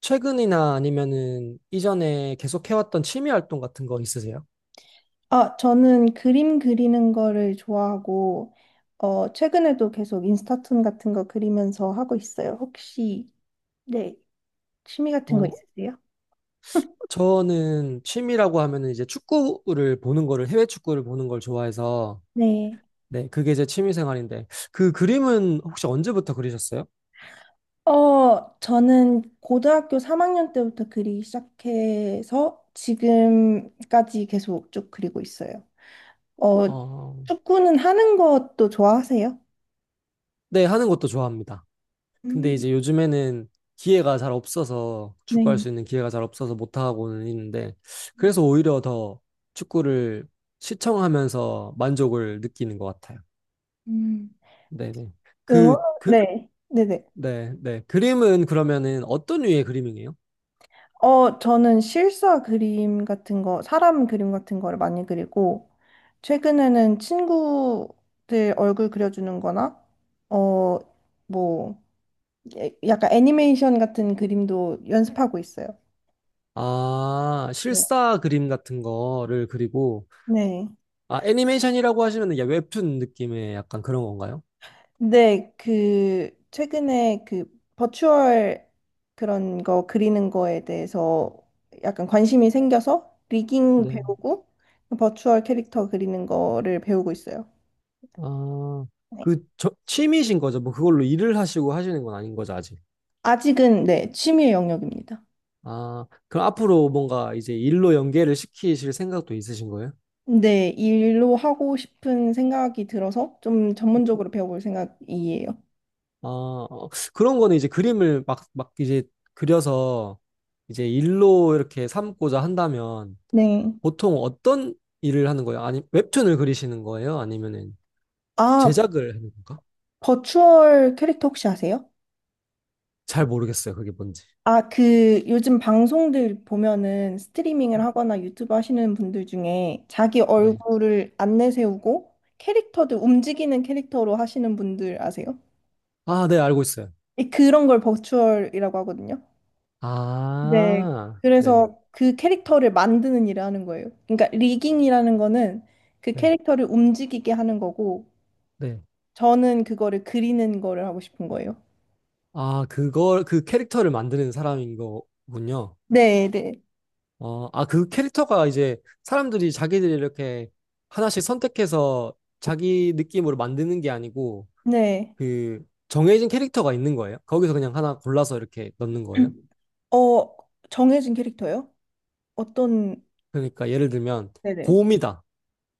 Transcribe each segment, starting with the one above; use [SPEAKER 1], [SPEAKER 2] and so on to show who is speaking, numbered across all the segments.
[SPEAKER 1] 최근이나 아니면은 이전에 계속 해왔던 취미 활동 같은 거 있으세요?
[SPEAKER 2] 아, 저는 그림 그리는 거를 좋아하고, 최근에도 계속 인스타툰 같은 거 그리면서 하고 있어요. 혹시, 네, 취미 같은 거
[SPEAKER 1] 어,
[SPEAKER 2] 있으세요?
[SPEAKER 1] 저는 취미라고 하면은 이제 축구를 보는 거를, 해외 축구를 보는 걸 좋아해서,
[SPEAKER 2] 네.
[SPEAKER 1] 네, 그게 제 취미 생활인데, 그 그림은 혹시 언제부터 그리셨어요?
[SPEAKER 2] 저는 고등학교 3학년 때부터 그리기 시작해서 지금까지 계속 쭉 그리고 있어요. 어,
[SPEAKER 1] 어,
[SPEAKER 2] 축구는 하는 것도 좋아하세요?
[SPEAKER 1] 네, 하는 것도 좋아합니다. 근데
[SPEAKER 2] 음,
[SPEAKER 1] 이제 요즘에는 기회가 잘 없어서, 축구할
[SPEAKER 2] 네.
[SPEAKER 1] 수 있는 기회가 잘 없어서 못하고는 있는데, 그래서 오히려 더 축구를 시청하면서 만족을 느끼는 것 같아요.
[SPEAKER 2] 음.
[SPEAKER 1] 네네.
[SPEAKER 2] 응원?
[SPEAKER 1] 그, 그,
[SPEAKER 2] 네. 네네.
[SPEAKER 1] 네, 네. 그림은 그러면은 어떤 류의 그림이에요?
[SPEAKER 2] 저는 실사 그림 같은 거, 사람 그림 같은 거를 많이 그리고, 최근에는 친구들 얼굴 그려주는 거나, 어, 뭐, 약간 애니메이션 같은 그림도 연습하고 있어요.
[SPEAKER 1] 아,
[SPEAKER 2] 뭐.
[SPEAKER 1] 실사 그림 같은 거를 그리고,
[SPEAKER 2] 네.
[SPEAKER 1] 아, 애니메이션이라고 하시면 야, 웹툰 느낌의 약간 그런 건가요?
[SPEAKER 2] 근데 그, 최근에 그, 버추얼 그런 거 그리는 거에 대해서 약간 관심이 생겨서, 리깅
[SPEAKER 1] 네.
[SPEAKER 2] 배우고, 버추얼 캐릭터 그리는 거를 배우고 있어요.
[SPEAKER 1] 아, 그, 저, 취미신 거죠? 뭐 그걸로 일을 하시고 하시는 건 아닌 거죠, 아직?
[SPEAKER 2] 아직은 네, 취미의 영역입니다.
[SPEAKER 1] 아, 그럼 앞으로 뭔가 이제 일로 연계를 시키실 생각도 있으신 거예요?
[SPEAKER 2] 근데 일로 하고 싶은 생각이 들어서 좀 전문적으로 배워볼 생각이에요.
[SPEAKER 1] 아, 어, 그런 거는 이제 그림을 막 이제 그려서 이제 일로 이렇게 삼고자 한다면,
[SPEAKER 2] 네.
[SPEAKER 1] 보통 어떤 일을 하는 거예요? 아니, 웹툰을 그리시는 거예요? 아니면은
[SPEAKER 2] 아,
[SPEAKER 1] 제작을 하는 건가?
[SPEAKER 2] 버추얼 캐릭터 혹시 아세요?
[SPEAKER 1] 잘 모르겠어요. 그게 뭔지.
[SPEAKER 2] 아, 그 요즘 방송들 보면은 스트리밍을 하거나 유튜브 하시는 분들 중에 자기
[SPEAKER 1] 네.
[SPEAKER 2] 얼굴을 안 내세우고 캐릭터들 움직이는 캐릭터로 하시는 분들 아세요?
[SPEAKER 1] 아, 네, 알고 있어요.
[SPEAKER 2] 그런 걸 버추얼이라고 하거든요. 네,
[SPEAKER 1] 아, 네,
[SPEAKER 2] 그래서 그 캐릭터를 만드는 일을 하는 거예요. 그러니까 리깅이라는 거는 그
[SPEAKER 1] 네,
[SPEAKER 2] 캐릭터를 움직이게 하는 거고,
[SPEAKER 1] 네.
[SPEAKER 2] 저는 그거를 그리는 거를 하고 싶은 거예요.
[SPEAKER 1] 아, 그걸, 그 캐릭터를 만드는 사람인 거군요.
[SPEAKER 2] 네, 네,
[SPEAKER 1] 그 캐릭터가 이제 사람들이 자기들이 이렇게 하나씩 선택해서 자기 느낌으로 만드는 게 아니고,
[SPEAKER 2] 네.
[SPEAKER 1] 그, 정해진 캐릭터가 있는 거예요? 거기서 그냥 하나 골라서 이렇게 넣는 거예요?
[SPEAKER 2] 어, 정해진 캐릭터요? 어떤,
[SPEAKER 1] 그러니까 예를 들면,
[SPEAKER 2] 네네,
[SPEAKER 1] 곰이다.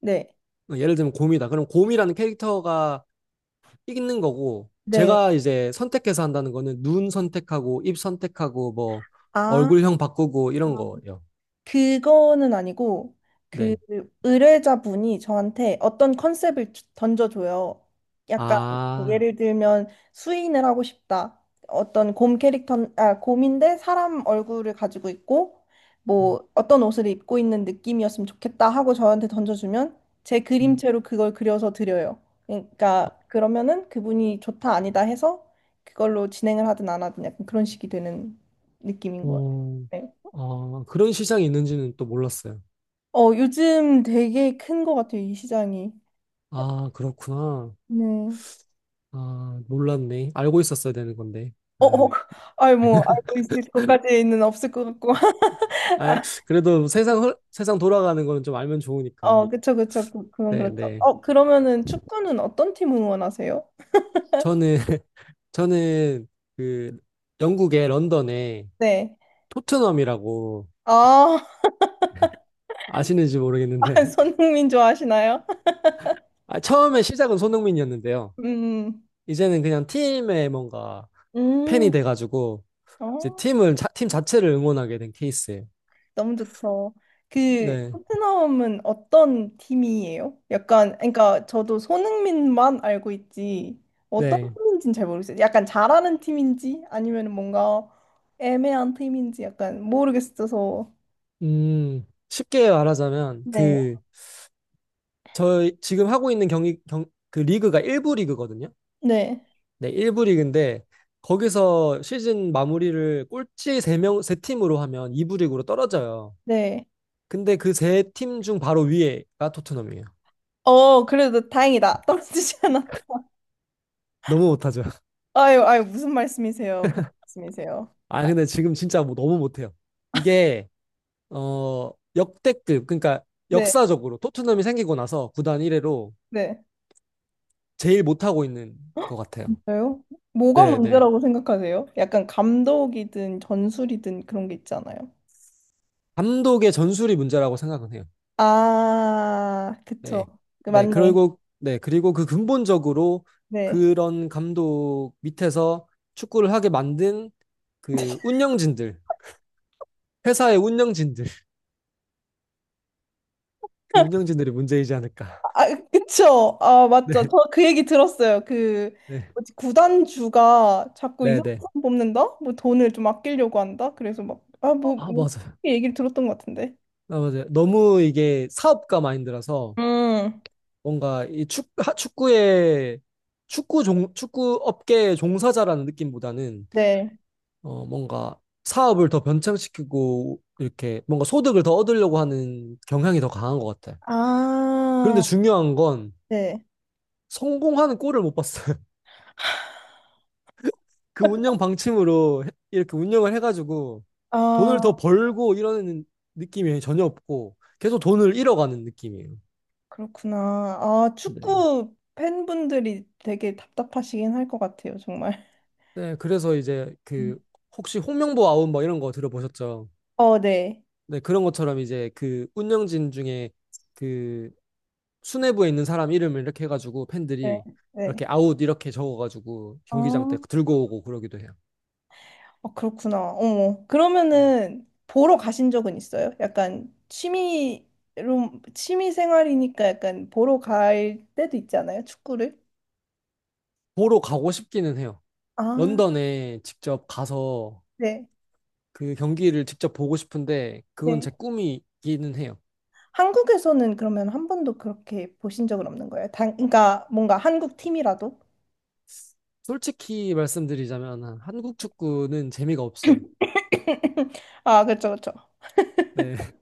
[SPEAKER 2] 네,
[SPEAKER 1] 어, 예를 들면 곰이다. 그럼 곰이라는 캐릭터가 있는 거고,
[SPEAKER 2] 네.
[SPEAKER 1] 제가 이제 선택해서 한다는 거는 눈 선택하고, 입 선택하고, 뭐,
[SPEAKER 2] 아.
[SPEAKER 1] 얼굴형 바꾸고, 이런 거예요.
[SPEAKER 2] 그거는 아니고 그
[SPEAKER 1] 네.
[SPEAKER 2] 의뢰자분이 저한테 어떤 컨셉을 던져줘요. 약간 뭐
[SPEAKER 1] 아,
[SPEAKER 2] 예를 들면 수인을 하고 싶다. 어떤 곰 캐릭터, 아, 곰인데 사람 얼굴을 가지고 있고 뭐 어떤 옷을 입고 있는 느낌이었으면 좋겠다 하고 저한테 던져주면 제
[SPEAKER 1] 음,
[SPEAKER 2] 그림체로 그걸 그려서 드려요. 그러니까 그러면은 그분이 좋다 아니다 해서 그걸로 진행을 하든 안 하든 약간 그런 식이 되는 느낌인 거예요.
[SPEAKER 1] 어,
[SPEAKER 2] 네.
[SPEAKER 1] 아, 그런 시장이 있는지는 또 몰랐어요.
[SPEAKER 2] 요즘 되게 큰 것 같아요, 이 시장이.
[SPEAKER 1] 아, 그렇구나.
[SPEAKER 2] 네.
[SPEAKER 1] 아, 몰랐네. 알고 있었어야 되는 건데.
[SPEAKER 2] 어,
[SPEAKER 1] 아,
[SPEAKER 2] 어, 아이, 뭐, 알고 있을 것까지는 없을 것 같고.
[SPEAKER 1] 아, 그래도 세상 돌아가는 거는 좀 알면
[SPEAKER 2] 아,
[SPEAKER 1] 좋으니까.
[SPEAKER 2] 그쵸, 그쵸. 그건
[SPEAKER 1] 네,
[SPEAKER 2] 그렇죠.
[SPEAKER 1] 네.
[SPEAKER 2] 그러면은 축구는 어떤 팀 응원하세요?
[SPEAKER 1] 저는 저는 그 영국의 런던에
[SPEAKER 2] 네.
[SPEAKER 1] 토트넘이라고
[SPEAKER 2] 아,
[SPEAKER 1] 아시는지 모르겠는데
[SPEAKER 2] 아, 손흥민 좋아하시나요?
[SPEAKER 1] 아, 처음에 시작은 손흥민이었는데요.
[SPEAKER 2] 음,
[SPEAKER 1] 이제는 그냥 팀에 뭔가 팬이
[SPEAKER 2] 음,
[SPEAKER 1] 돼가지고 이제
[SPEAKER 2] 어.
[SPEAKER 1] 팀 자체를 응원하게 된 케이스예요.
[SPEAKER 2] 너무 좋죠. 그
[SPEAKER 1] 네,
[SPEAKER 2] 토트넘은 어떤 팀이에요? 약간 그러니까 저도 손흥민만 알고 있지 어떤
[SPEAKER 1] 네.
[SPEAKER 2] 팀인지는 잘 모르겠어요. 약간 잘하는 팀인지 아니면 뭔가 애매한 팀인지 약간 모르겠어서
[SPEAKER 1] 쉽게 말하자면
[SPEAKER 2] 네,
[SPEAKER 1] 그 저희 지금 하고 있는 그 리그가 1부 리그거든요.
[SPEAKER 2] 네,
[SPEAKER 1] 네, 1부 리그인데 거기서 시즌 마무리를 꼴찌 세 명 세 팀으로 하면 2부 리그로 떨어져요.
[SPEAKER 2] 네.
[SPEAKER 1] 근데 그 세 팀 중 바로 위에가 토트넘이에요.
[SPEAKER 2] 어 그래도 다행이다 떨어지지 않았다.
[SPEAKER 1] 너무 못하죠.
[SPEAKER 2] 아유 아유 무슨 말씀이세요? 무슨 말씀이세요?
[SPEAKER 1] 아,
[SPEAKER 2] 아,
[SPEAKER 1] 근데 지금 진짜 뭐 너무 못해요. 이게, 어, 역대급, 그러니까
[SPEAKER 2] 네,
[SPEAKER 1] 역사적으로 토트넘이 생기고 나서 구단 1회로
[SPEAKER 2] 네.
[SPEAKER 1] 제일 못하고 있는 것 같아요.
[SPEAKER 2] 진짜요? 뭐가
[SPEAKER 1] 네, 네.
[SPEAKER 2] 문제라고 생각하세요? 약간 감독이든 전술이든 그런 게 있잖아요.
[SPEAKER 1] 감독의 전술이 문제라고 생각은 해요.
[SPEAKER 2] 아, 그쵸.
[SPEAKER 1] 네.
[SPEAKER 2] 그
[SPEAKER 1] 네,
[SPEAKER 2] 맞네.
[SPEAKER 1] 그리고, 네, 그리고 그 근본적으로
[SPEAKER 2] 네.
[SPEAKER 1] 그런 감독 밑에서 축구를 하게 만든 그 운영진들, 회사의 운영진들, 그 운영진들이 문제이지 않을까.
[SPEAKER 2] 아, 아, 그쵸. 아,
[SPEAKER 1] 네.
[SPEAKER 2] 맞죠. 저 그 얘기 들었어요. 그,
[SPEAKER 1] 네,
[SPEAKER 2] 뭐지, 구단주가 자꾸
[SPEAKER 1] 네,
[SPEAKER 2] 이상한
[SPEAKER 1] 네.
[SPEAKER 2] 사람 뽑는다? 뭐 돈을 좀 아끼려고 한다? 그래서 막, 아,
[SPEAKER 1] 어,
[SPEAKER 2] 뭐,
[SPEAKER 1] 아,
[SPEAKER 2] 뭐
[SPEAKER 1] 맞아요.
[SPEAKER 2] 이렇게 얘기를 들었던 것 같은데.
[SPEAKER 1] 아, 맞아요. 너무 이게 사업가 마인드라서
[SPEAKER 2] 음,
[SPEAKER 1] 뭔가 축구의 축구 업계의 종사자라는 느낌보다는
[SPEAKER 2] 네.
[SPEAKER 1] 어, 뭔가 사업을 더 변창시키고 이렇게 뭔가 소득을 더 얻으려고 하는 경향이 더 강한 것 같아요. 그런데
[SPEAKER 2] 아,
[SPEAKER 1] 중요한 건
[SPEAKER 2] 네.
[SPEAKER 1] 성공하는 꼴을 못 봤어요. 이렇게 운영을 해가지고 돈을 더
[SPEAKER 2] 아,
[SPEAKER 1] 벌고 이러는 느낌이 전혀 없고 계속 돈을 잃어가는 느낌이에요.
[SPEAKER 2] 그렇구나. 아,
[SPEAKER 1] 네.
[SPEAKER 2] 축구 팬분들이 되게 답답하시긴 할 것 같아요, 정말.
[SPEAKER 1] 네, 그래서 이제 그
[SPEAKER 2] 음.
[SPEAKER 1] 혹시 홍명보 아웃 뭐 이런 거 들어보셨죠?
[SPEAKER 2] 어, 네.
[SPEAKER 1] 네, 그런 것처럼 이제 그 운영진 중에 그 수뇌부에 있는 사람 이름을 이렇게 해가지고
[SPEAKER 2] 네,
[SPEAKER 1] 팬들이
[SPEAKER 2] 네.
[SPEAKER 1] 이렇게 아웃 이렇게 적어가지고
[SPEAKER 2] 아.
[SPEAKER 1] 경기장 때 들고 오고 그러기도 해요.
[SPEAKER 2] 아, 그렇구나. 어. 그러면은 보러 가신 적은 있어요? 약간 취미로 취미 생활이니까 약간 보러 갈 때도 있잖아요, 축구를.
[SPEAKER 1] 보러 가고 싶기는 해요.
[SPEAKER 2] 아,
[SPEAKER 1] 런던에 직접 가서
[SPEAKER 2] 네.
[SPEAKER 1] 그 경기를 직접 보고 싶은데 그건
[SPEAKER 2] 네.
[SPEAKER 1] 제 꿈이기는 해요.
[SPEAKER 2] 한국에서는 그러면 한 번도 그렇게 보신 적은 없는 거예요? 당, 그러니까 뭔가 한국 팀이라도?
[SPEAKER 1] 솔직히 말씀드리자면 한국 축구는 재미가 없어요.
[SPEAKER 2] 아, 그렇죠, 그렇죠.
[SPEAKER 1] 네,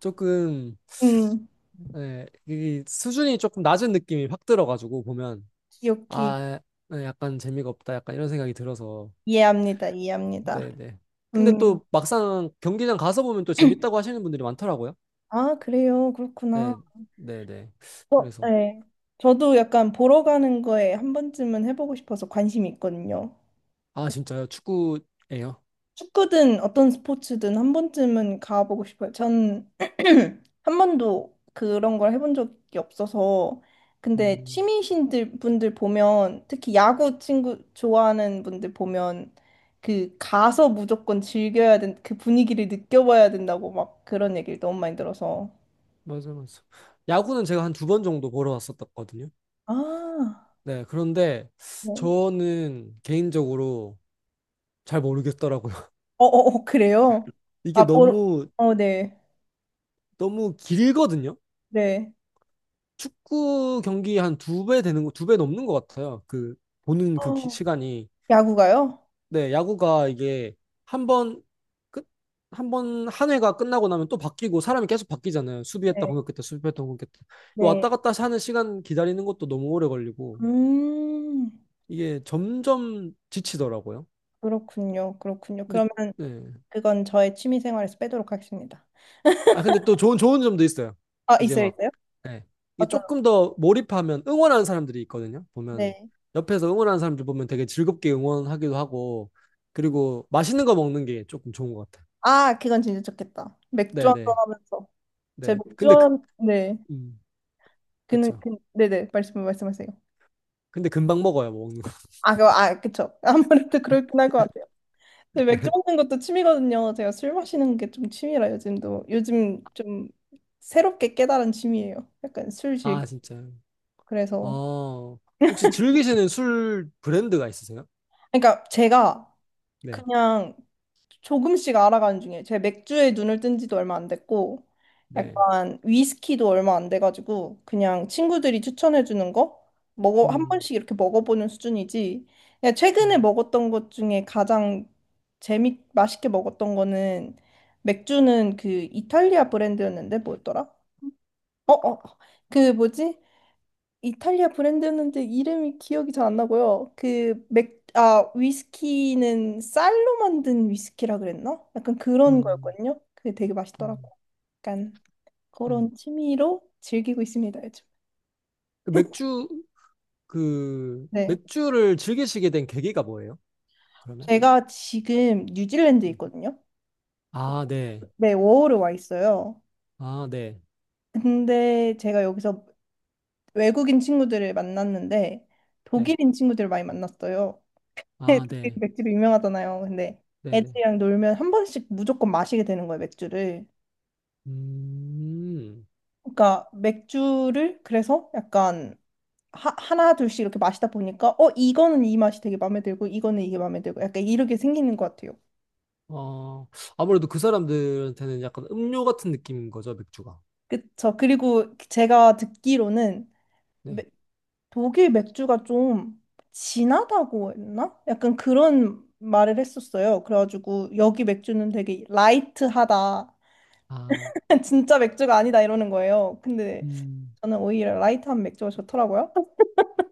[SPEAKER 1] 조금
[SPEAKER 2] 음,
[SPEAKER 1] 네, 이 수준이 조금 낮은 느낌이 확 들어가지고 보면
[SPEAKER 2] 기억이
[SPEAKER 1] 아, 네, 약간 재미가 없다, 약간 이런 생각이 들어서
[SPEAKER 2] 이해합니다, 이해합니다.
[SPEAKER 1] 네, 네. 근데
[SPEAKER 2] 음,
[SPEAKER 1] 또 막상 경기장 가서 보면 또 재밌다고 하시는 분들이 많더라고요.
[SPEAKER 2] 아, 그래요, 그렇구나.
[SPEAKER 1] 네, 네, 네.
[SPEAKER 2] 어,
[SPEAKER 1] 그래서
[SPEAKER 2] 네. 저도 약간 보러 가는 거에 한 번쯤은 해보고 싶어서 관심이 있거든요.
[SPEAKER 1] 아 진짜요? 축구예요?
[SPEAKER 2] 축구든 어떤 스포츠든 한 번쯤은 가보고 싶어요. 전 한 번도 그런 걸 해본 적이 없어서. 근데
[SPEAKER 1] 음,
[SPEAKER 2] 취미신들 분들 보면 특히 야구 친구 좋아하는 분들 보면 그 가서 무조건 즐겨야 된, 그 분위기를 느껴봐야 된다고 막 그런 얘기를 너무 많이 들어서.
[SPEAKER 1] 맞아. 야구는 제가 한 두 번 정도 보러 왔었거든요.
[SPEAKER 2] 아,
[SPEAKER 1] 네, 그런데
[SPEAKER 2] 네.
[SPEAKER 1] 저는 개인적으로 잘 모르겠더라고요.
[SPEAKER 2] 어, 어, 어, 그래요?
[SPEAKER 1] 이게
[SPEAKER 2] 아, 보러,
[SPEAKER 1] 너무
[SPEAKER 2] 네.
[SPEAKER 1] 너무 길거든요.
[SPEAKER 2] 네.
[SPEAKER 1] 축구 경기 한 두 배 되는 거, 두 배 넘는 것 같아요. 그, 보는
[SPEAKER 2] 어,
[SPEAKER 1] 시간이.
[SPEAKER 2] 야구가요?
[SPEAKER 1] 네, 야구가 이게 한 번, 끝, 한 번, 한 회가 끝나고 나면 또 바뀌고 사람이 계속 바뀌잖아요. 수비했다,
[SPEAKER 2] 네,
[SPEAKER 1] 공격했다, 수비했다, 공격했다.
[SPEAKER 2] 네.
[SPEAKER 1] 왔다 갔다 하는 시간 기다리는 것도 너무 오래 걸리고,
[SPEAKER 2] 음,
[SPEAKER 1] 이게 점점 지치더라고요.
[SPEAKER 2] 그렇군요. 그렇군요.
[SPEAKER 1] 근데,
[SPEAKER 2] 그러면
[SPEAKER 1] 네.
[SPEAKER 2] 그건 저의 취미 생활에서 빼도록 하겠습니다.
[SPEAKER 1] 아, 근데 또 좋은 점도 있어요.
[SPEAKER 2] 아,
[SPEAKER 1] 이제
[SPEAKER 2] 있어요,
[SPEAKER 1] 막,
[SPEAKER 2] 있어요?
[SPEAKER 1] 예. 이게
[SPEAKER 2] 어떤,
[SPEAKER 1] 조금 더 몰입하면 응원하는 사람들이 있거든요. 보면,
[SPEAKER 2] 네.
[SPEAKER 1] 옆에서 응원하는 사람들 보면 되게 즐겁게 응원하기도 하고, 그리고 맛있는 거 먹는 게 조금 좋은 것 같아요.
[SPEAKER 2] 아, 그건 진짜 좋겠다. 맥주
[SPEAKER 1] 네네.
[SPEAKER 2] 한잔
[SPEAKER 1] 네.
[SPEAKER 2] 하면서. 제
[SPEAKER 1] 네.
[SPEAKER 2] 맥주
[SPEAKER 1] 근데, 그,
[SPEAKER 2] 한, 네.
[SPEAKER 1] 음,
[SPEAKER 2] 그는,
[SPEAKER 1] 그쵸.
[SPEAKER 2] 그, 네네. 말씀하세요.
[SPEAKER 1] 근데 금방 먹어요, 뭐 먹는 거.
[SPEAKER 2] 아, 그, 아, 그쵸. 아무래도 그렇긴 할 것 같아요. 근데 맥주
[SPEAKER 1] 네.
[SPEAKER 2] 먹는 것도 취미거든요. 제가 술 마시는 게 좀 취미라 요즘도. 요즘 좀 새롭게 깨달은 취미예요. 약간 술 즐,
[SPEAKER 1] 아, 진짜요?
[SPEAKER 2] 그래서.
[SPEAKER 1] 어, 혹시 즐기시는 술 브랜드가 있으세요?
[SPEAKER 2] 그러니까 제가
[SPEAKER 1] 네.
[SPEAKER 2] 그냥 조금씩 알아가는 중에 제 맥주에 눈을 뜬 지도 얼마 안 됐고
[SPEAKER 1] 네.
[SPEAKER 2] 약간 위스키도 얼마 안 돼가지고 그냥 친구들이 추천해주는 거 먹어 한
[SPEAKER 1] 음,
[SPEAKER 2] 번씩 이렇게 먹어보는 수준이지 그냥 최근에
[SPEAKER 1] 음,
[SPEAKER 2] 먹었던 것 중에 가장 재미 맛있게 먹었던 거는 맥주는 그 이탈리아 브랜드였는데 뭐였더라? 어어 그 뭐지? 이탈리아 브랜드였는데 이름이 기억이 잘 안 나고요. 아, 위스키는 쌀로 만든 위스키라 그랬나? 약간 그런
[SPEAKER 1] 음,
[SPEAKER 2] 거였거든요. 그게 되게
[SPEAKER 1] 음,
[SPEAKER 2] 맛있더라고요. 약간
[SPEAKER 1] 음.
[SPEAKER 2] 그런 취미로 즐기고 있습니다, 요즘.
[SPEAKER 1] 그 맥주, 그
[SPEAKER 2] 네.
[SPEAKER 1] 맥주를 즐기시게 된 계기가 뭐예요? 그러면?
[SPEAKER 2] 제가 지금 뉴질랜드에 있거든요.
[SPEAKER 1] 아, 네.
[SPEAKER 2] 네, 워홀에 와 있어요.
[SPEAKER 1] 아, 네.
[SPEAKER 2] 근데 제가 여기서 외국인 친구들을 만났는데
[SPEAKER 1] 네.
[SPEAKER 2] 독일인 친구들을 많이 만났어요.
[SPEAKER 1] 아,
[SPEAKER 2] 애들이
[SPEAKER 1] 네.
[SPEAKER 2] 맥주로 유명하잖아요. 근데
[SPEAKER 1] 네네.
[SPEAKER 2] 애들이랑 놀면 한 번씩 무조건 마시게 되는 거예요, 맥주를.
[SPEAKER 1] 음.
[SPEAKER 2] 그러니까 맥주를 그래서 약간 하나 둘씩 이렇게 마시다 보니까 어 이거는 이 맛이 되게 마음에 들고 이거는 이게 마음에 들고 약간 이렇게 생기는 것 같아요.
[SPEAKER 1] 어, 아무래도 그 사람들한테는 약간 음료 같은 느낌인 거죠, 맥주가.
[SPEAKER 2] 그쵸. 그리고 제가 듣기로는 메-
[SPEAKER 1] 네.
[SPEAKER 2] 독일 맥주가 좀 진하다고 했나? 약간 그런 말을 했었어요. 그래가지고 여기 맥주는 되게 라이트하다.
[SPEAKER 1] 아,
[SPEAKER 2] 진짜 맥주가 아니다 이러는 거예요. 근데
[SPEAKER 1] 음.
[SPEAKER 2] 저는 오히려 라이트한 맥주가 좋더라고요.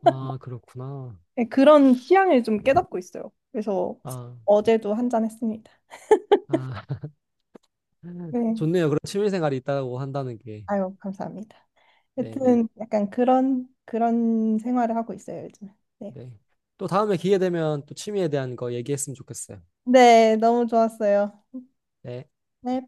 [SPEAKER 1] 아, 그렇구나.
[SPEAKER 2] 네, 그런 취향을 좀 깨닫고 있어요. 그래서
[SPEAKER 1] 아,
[SPEAKER 2] 어제도 한 잔 했습니다.
[SPEAKER 1] 아.
[SPEAKER 2] 네.
[SPEAKER 1] 좋네요. 그런 취미 생활이 있다고 한다는 게.
[SPEAKER 2] 아유, 감사합니다.
[SPEAKER 1] 네네. 네.
[SPEAKER 2] 여튼 약간 그런 그런 생활을 하고 있어요, 요즘. 네.
[SPEAKER 1] 네, 네. 또 다음에 기회 되면 또 취미에 대한 거 얘기했으면 좋겠어요.
[SPEAKER 2] 네, 너무 좋았어요.
[SPEAKER 1] 네.
[SPEAKER 2] 네.